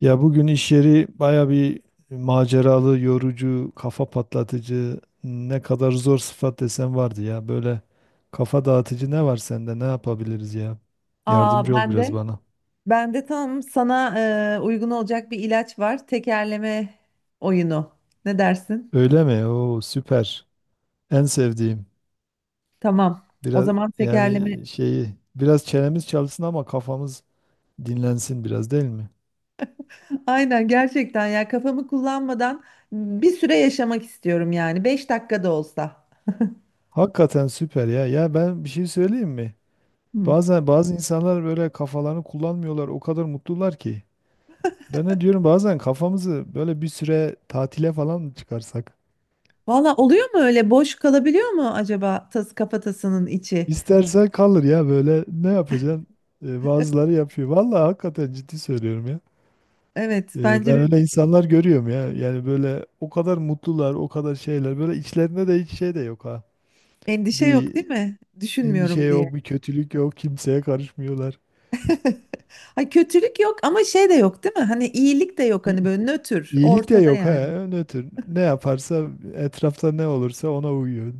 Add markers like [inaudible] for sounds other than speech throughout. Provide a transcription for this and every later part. Ya bugün iş yeri baya bir maceralı, yorucu, kafa patlatıcı, ne kadar zor sıfat desen vardı ya. Böyle kafa dağıtıcı ne var sende? Ne yapabiliriz ya? Aa Yardımcı ol ben biraz de bana. ben de tam sana uygun olacak bir ilaç var. Tekerleme oyunu. Ne dersin? Öyle mi? Oo süper. En sevdiğim. Tamam. O Biraz zaman tekerleme. yani [laughs] şeyi biraz çenemiz çalsın ama kafamız dinlensin biraz değil mi? Aynen gerçekten ya kafamı kullanmadan bir süre yaşamak istiyorum yani. Beş dakika da olsa. Hakikaten süper ya. Ya ben bir şey söyleyeyim mi? Hı. Bazen bazı insanlar böyle kafalarını kullanmıyorlar. O kadar mutlular ki. Ben de diyorum bazen kafamızı böyle bir süre tatile falan mı çıkarsak? Valla oluyor mu öyle? Boş kalabiliyor mu acaba tas kafatasının içi? İstersen kalır ya böyle ne yapacaksın? Bazıları yapıyor. Vallahi hakikaten ciddi söylüyorum ya. Evet bence Ben bir öyle insanlar görüyorum ya. Yani böyle o kadar mutlular, o kadar şeyler. Böyle içlerinde de hiç şey de yok ha. endişe yok Bir değil mi? endişe Düşünmüyorum diye. yok, bir kötülük yok, kimseye karışmıyorlar. [laughs] Ay kötülük yok ama şey de yok değil mi? Hani iyilik de yok İ- hani böyle nötr İyilik de ortada yok yani. ha. Ne tür, ne yaparsa etrafta ne olursa ona uyuyor.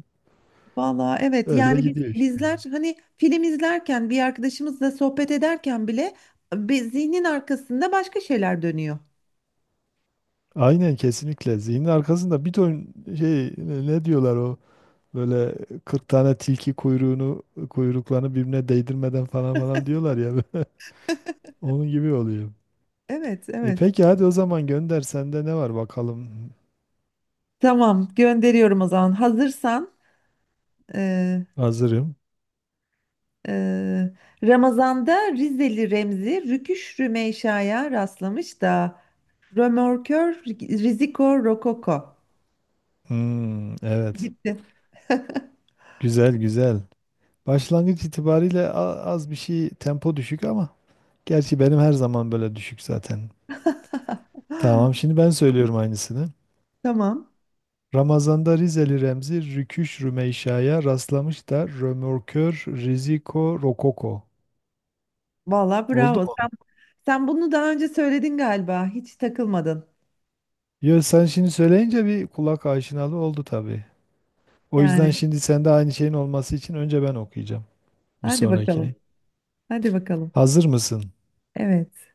Valla evet Öyle yani biz gidiyor işte. bizler hani film izlerken bir arkadaşımızla sohbet ederken bile bir zihnin arkasında başka şeyler dönüyor. Aynen kesinlikle. Zihnin arkasında bir ton şey ne diyorlar o böyle 40 tane tilki kuyruğunu kuyruklarını birbirine değdirmeden falan falan diyorlar ya. [laughs] Onun gibi oluyor. Evet E evet peki hadi o zaman gönder. Sende ne var bakalım? tamam gönderiyorum o zaman hazırsan e, Hazırım. e, Ramazan'da Rizeli Remzi Rüküş Rümeysa'ya rastlamış da Römorkör Riziko Rokoko Hmm, evet. gitti. Güzel güzel. Başlangıç itibariyle az bir şey tempo düşük ama gerçi benim her zaman böyle düşük zaten. Tamam [laughs] şimdi ben söylüyorum aynısını. Tamam. Ramazan'da Rizeli Remzi Rüküş Rümeysa'ya rastlamış da Römorkör Riziko Rokoko. Vallahi Oldu bravo. mu? Sen bunu daha önce söyledin galiba. Hiç takılmadın. Yo, sen şimdi söyleyince bir kulak aşinalığı oldu tabii. O Yani yüzden şimdi sende aynı şeyin olması için önce ben okuyacağım bir hadi bakalım. sonrakini. Hadi bakalım. Hazır mısın? Evet.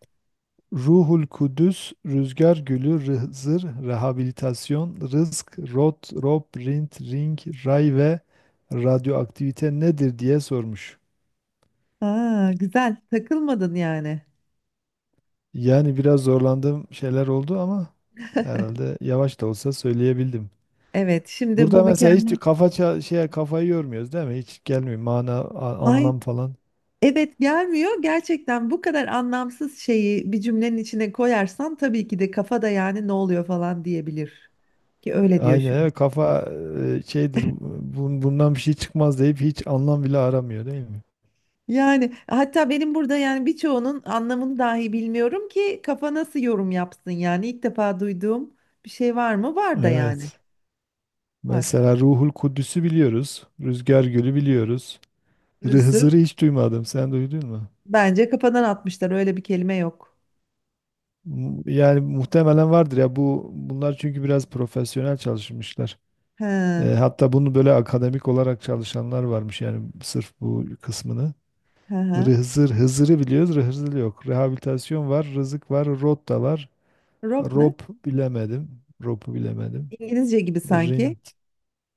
Ruhul Kudüs, Rüzgar Gülü, Rızır, Rehabilitasyon, Rızk, Rot, Rob, Rint, Ring, Ray ve Radyoaktivite nedir diye sormuş. Aa, güzel. Takılmadın yani. Yani biraz zorlandığım şeyler oldu ama [laughs] herhalde yavaş da olsa söyleyebildim. Evet, şimdi bu Burada mesela hiç mükemmel. kafa şeye kafayı yormuyoruz değil mi? Hiç gelmiyor mana Hayır, anlam falan. evet gelmiyor. Gerçekten bu kadar anlamsız şeyi bir cümlenin içine koyarsan tabii ki de kafada yani ne oluyor falan diyebilir. Ki öyle diyor Aynen şu. evet kafa şeydir bundan bir şey çıkmaz deyip hiç anlam bile aramıyor değil mi? Yani hatta benim burada yani birçoğunun anlamını dahi bilmiyorum ki kafa nasıl yorum yapsın yani ilk defa duyduğum bir şey var mı? Var da yani Evet. var. Mesela Ruhul Kudüs'ü biliyoruz. Rüzgar Gölü biliyoruz. Hızır'ı Rısır hiç duymadım. Sen duydun mu? bence kafadan atmışlar öyle bir kelime yok. Yani muhtemelen vardır ya bunlar çünkü biraz profesyonel çalışmışlar. He, he, Hatta bunu böyle akademik olarak çalışanlar varmış yani sırf bu kısmını. he. Hızır, Hızır'ı biliyoruz, Hızır yok. Rehabilitasyon var, rızık var, rot da var. Rob ne? Rop bilemedim, ropu bilemedim. İngilizce gibi sanki. Rint,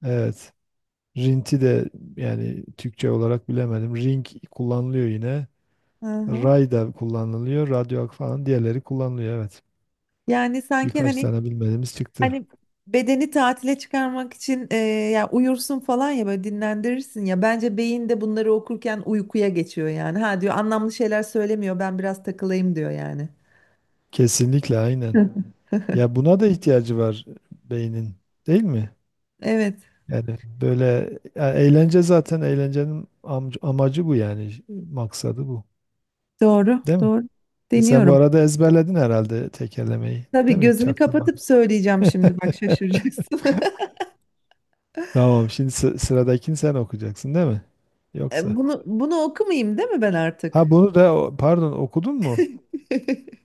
evet. Rinti de yani Türkçe olarak bilemedim. Ring kullanılıyor yine. Hı hı. Ray da kullanılıyor, radyo falan diğerleri kullanılıyor evet. Yani sanki Birkaç hani tane bilmediğimiz çıktı. hani bedeni tatile çıkarmak için ya uyursun falan ya böyle dinlendirirsin ya bence beyin de bunları okurken uykuya geçiyor yani. Ha diyor anlamlı şeyler söylemiyor ben biraz takılayım diyor yani. Kesinlikle Hı. aynen. hı. Ya buna da ihtiyacı var beynin, değil mi? Evet, Yani böyle ya eğlence zaten eğlencenin amacı bu yani maksadı bu. doğru, Değil mi? doğru. E sen bu Deniyorum. arada ezberledin herhalde tekerlemeyi. Değil Tabii mi? gözümü Çaktırmadın. kapatıp söyleyeceğim şimdi. Bak şaşıracaksın. [laughs] [laughs] Tamam şimdi sıradakini sen okuyacaksın değil mi? Yoksa. Bunu okumayayım değil mi ben Ha artık? bunu da pardon okudun mu? [laughs]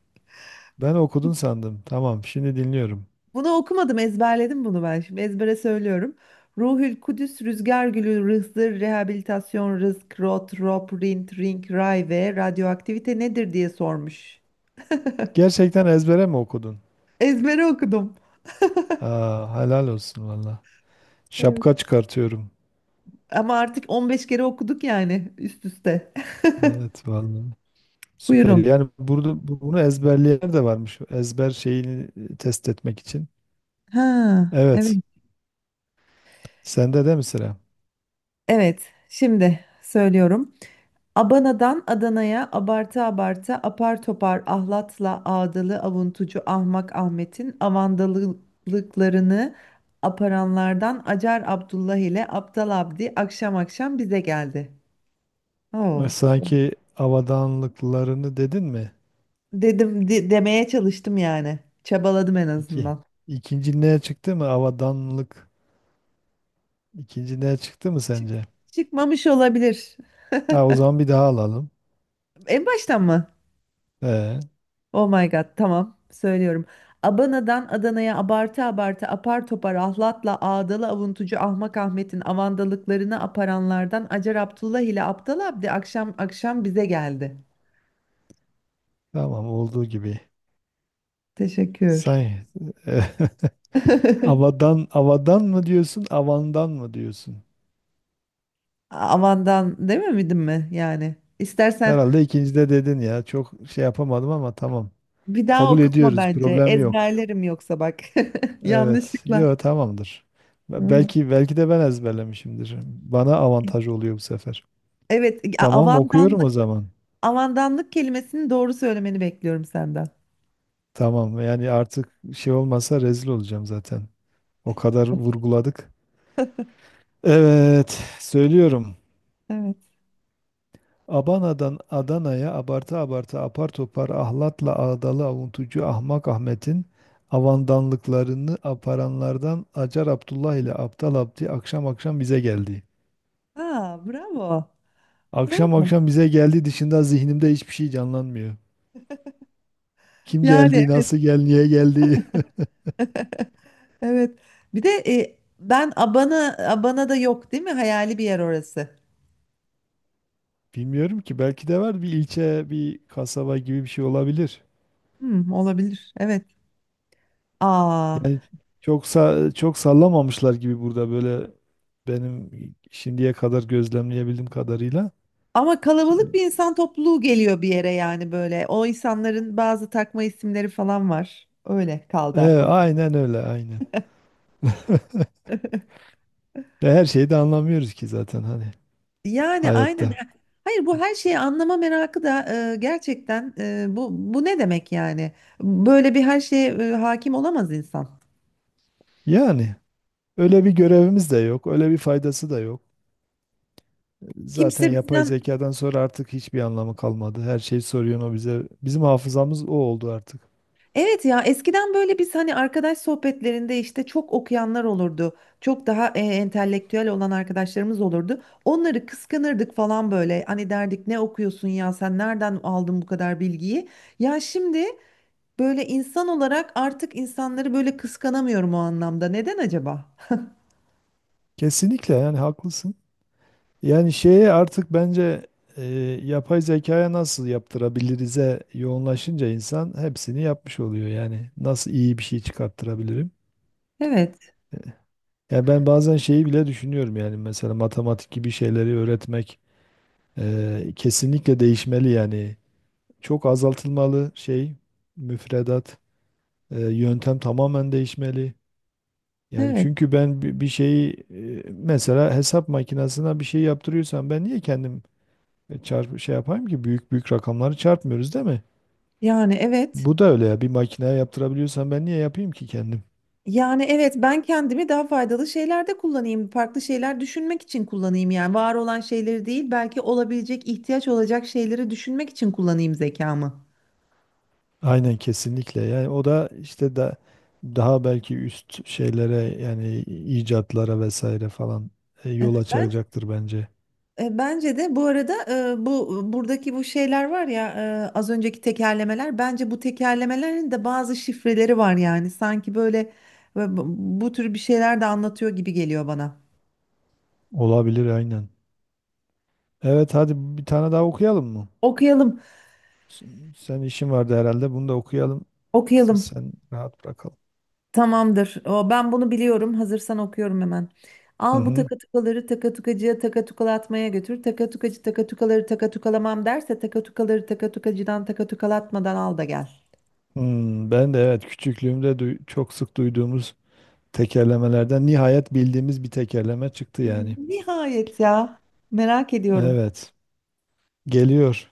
Ben okudun sandım. Tamam şimdi dinliyorum. Bunu okumadım, ezberledim bunu ben. Şimdi ezbere söylüyorum. Ruhül Kudüs, Rüzgar Gülü, Rızdır, Rehabilitasyon, Rızk, Rot, Rop, Rint, Ring, Ray ve radyoaktivite nedir diye sormuş. Gerçekten ezbere mi okudun? Ezbere okudum. Aa, helal olsun valla. Şapka Evet. çıkartıyorum. Ama artık 15 kere okuduk yani üst üste. Evet valla. [laughs] Süper. Buyurun. Yani burada bunu ezberleyen de varmış. Ezber şeyini test etmek için. Ha, Evet. evet. Sende de mi sıra? Evet, şimdi söylüyorum. Abana'dan Adana'ya abartı abartı apar topar ahlatla ağdalı avuntucu ahmak Ahmet'in avandalılıklarını aparanlardan Acar Abdullah ile Aptal Abdi akşam akşam bize geldi. Oo. Sanki avadanlıklarını dedin mi? Demeye çalıştım yani. Çabaladım en İki. azından. İkinci neye çıktı mı? Avadanlık. İkinci neye çıktı mı Çık- sence? çıkmamış olabilir. Ha, o zaman bir daha alalım. En baştan mı? Ee, Oh my God, tamam söylüyorum. Abana'dan Adana'ya abartı abartı apar topar ahlatla ağdalı avuntucu Ahmak Ahmet'in avandalıklarını aparanlardan Acar Abdullah ile Aptal Abdi akşam akşam bize geldi. tamam olduğu gibi. Teşekkür. Sanki [laughs] [laughs] avadan avadan mı diyorsun, avandan mı diyorsun? Avandan dememedim mi yani? İstersen Herhalde ikincide dedin ya. Çok şey yapamadım ama tamam. bir daha Kabul okutma ediyoruz. bence. Problem yok. Ezberlerim yoksa bak. [laughs] Evet. Yanlışlıkla. Yo tamamdır. Hı Be- hı. Belki belki de ben ezberlemişimdir. Bana avantaj oluyor bu sefer. Evet, Tamam okuyorum o avandanlık zaman. avandanlık kelimesini doğru söylemeni bekliyorum senden. Tamam yani artık şey olmasa rezil olacağım zaten. O kadar vurguladık. Evet söylüyorum. Evet. Abana'dan Adana'ya abartı abartı apar topar ahlatla ağdalı avuntucu Ahmak Ahmet'in avandanlıklarını aparanlardan Acar Abdullah ile Aptal Abdi akşam akşam bize geldi. Aa, bravo. Akşam Bravo. akşam bize geldi dışında zihnimde hiçbir şey canlanmıyor. Kim Yani geldi, evet. nasıl geldi, niye geldi [laughs] Evet. Bir de ben Abana da yok değil mi? Hayali bir yer orası. [laughs] bilmiyorum ki. Belki de var bir ilçe, bir kasaba gibi bir şey olabilir. Hmm, olabilir. Evet. Aa, Yani çok sallamamışlar gibi burada böyle benim şimdiye kadar gözlemleyebildiğim kadarıyla. ama kalabalık bir insan topluluğu geliyor bir yere yani böyle. O insanların bazı takma isimleri falan var. Öyle kaldı aklım. Aynen öyle, aynen. [laughs] Ve her şeyi de anlamıyoruz ki zaten hani Yani aynen. hayatta. Hayır bu her şeyi anlama merakı da gerçekten bu ne demek yani? Böyle bir her şeye hakim olamaz insan. Yani öyle bir görevimiz de yok, öyle bir faydası da yok. Zaten Kimse yapay bizden zekadan sonra artık hiçbir anlamı kalmadı. Her şeyi soruyor o bize. Bizim hafızamız o oldu artık. Evet ya eskiden böyle biz hani arkadaş sohbetlerinde işte çok okuyanlar olurdu. Çok daha entelektüel olan arkadaşlarımız olurdu. Onları kıskanırdık falan böyle. Hani derdik ne okuyorsun ya sen nereden aldın bu kadar bilgiyi? Ya şimdi böyle insan olarak artık insanları böyle kıskanamıyorum o anlamda. Neden acaba? Kesinlikle yani haklısın. Yani şeye artık bence e, yapay zekaya nasıl yaptırabilirize yoğunlaşınca insan hepsini yapmış oluyor. Yani nasıl iyi bir şey çıkarttırabilirim? Evet, Yani ben bazen şeyi bile düşünüyorum yani mesela matematik gibi şeyleri öğretmek kesinlikle değişmeli yani. Çok azaltılmalı şey müfredat, yöntem tamamen değişmeli. Yani evet. çünkü ben bir şeyi mesela hesap makinesine bir şey yaptırıyorsam ben niye kendim çarp şey yapayım ki büyük büyük rakamları çarpmıyoruz değil mi? Yani evet. Bu da öyle ya bir makineye yaptırabiliyorsam ben niye yapayım ki kendim? Yani evet ben kendimi daha faydalı şeylerde kullanayım, farklı şeyler düşünmek için kullanayım yani var olan şeyleri değil belki olabilecek ihtiyaç olacak şeyleri düşünmek için kullanayım zekamı. Aynen kesinlikle. Yani o da işte daha belki üst şeylere yani icatlara vesaire falan yol Ben açacaktır bence. Bence de bu arada bu buradaki bu şeyler var ya az önceki tekerlemeler bence bu tekerlemelerin de bazı şifreleri var yani sanki böyle e, bu bu tür bir şeyler de anlatıyor gibi geliyor bana. Olabilir aynen. Evet hadi bir tane daha okuyalım mı? Okuyalım, S- Sen işin vardı herhalde. Bunu da okuyalım. Okuyalım. Sen rahat bırakalım. Tamamdır. O, ben bunu biliyorum. Hazırsan okuyorum hemen. Hı Al bu hı. takatukaları takatukacıya takatukalatmaya götür. Takatukacı takatukaları takatukalamam derse takatukaları takatukacıdan takatukalatmadan al da gel. Hmm, ben de evet küçüklüğümde çok sık duyduğumuz tekerlemelerden nihayet bildiğimiz bir tekerleme çıktı Hmm, yani. nihayet ya. Merak ediyorum. Evet. Geliyor.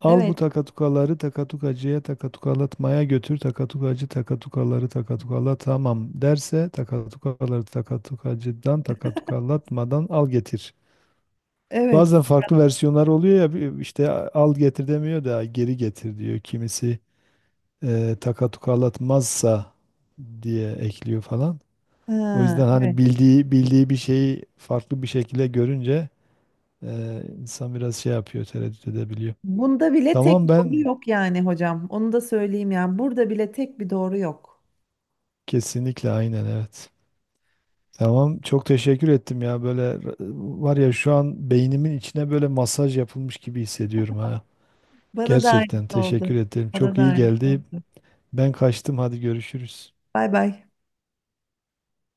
Al bu Evet. takatukaları takatukacıya takatukalatmaya götür. Takatukacı takatukaları takatukala tamam derse takatukaları takatukacıdan takatukalatmadan al getir. Evet. Bazen farklı versiyonlar oluyor ya işte al getir demiyor da geri getir diyor. Kimisi takatukalatmazsa diye ekliyor falan. O Ha, yüzden evet. hani bildiği bildiği bir şeyi farklı bir şekilde görünce insan biraz şey yapıyor, tereddüt edebiliyor. Bunda bile Tamam tek doğru ben yok yani hocam. Onu da söyleyeyim yani. Burada bile tek bir doğru yok. kesinlikle aynen evet. Tamam çok teşekkür ettim ya böyle var ya şu an beynimin içine böyle masaj yapılmış gibi hissediyorum ha. Bana da Gerçekten aynısı teşekkür oldu. ederim. Bana Çok da iyi aynısı geldi. oldu. Ben kaçtım hadi görüşürüz. Bay bay.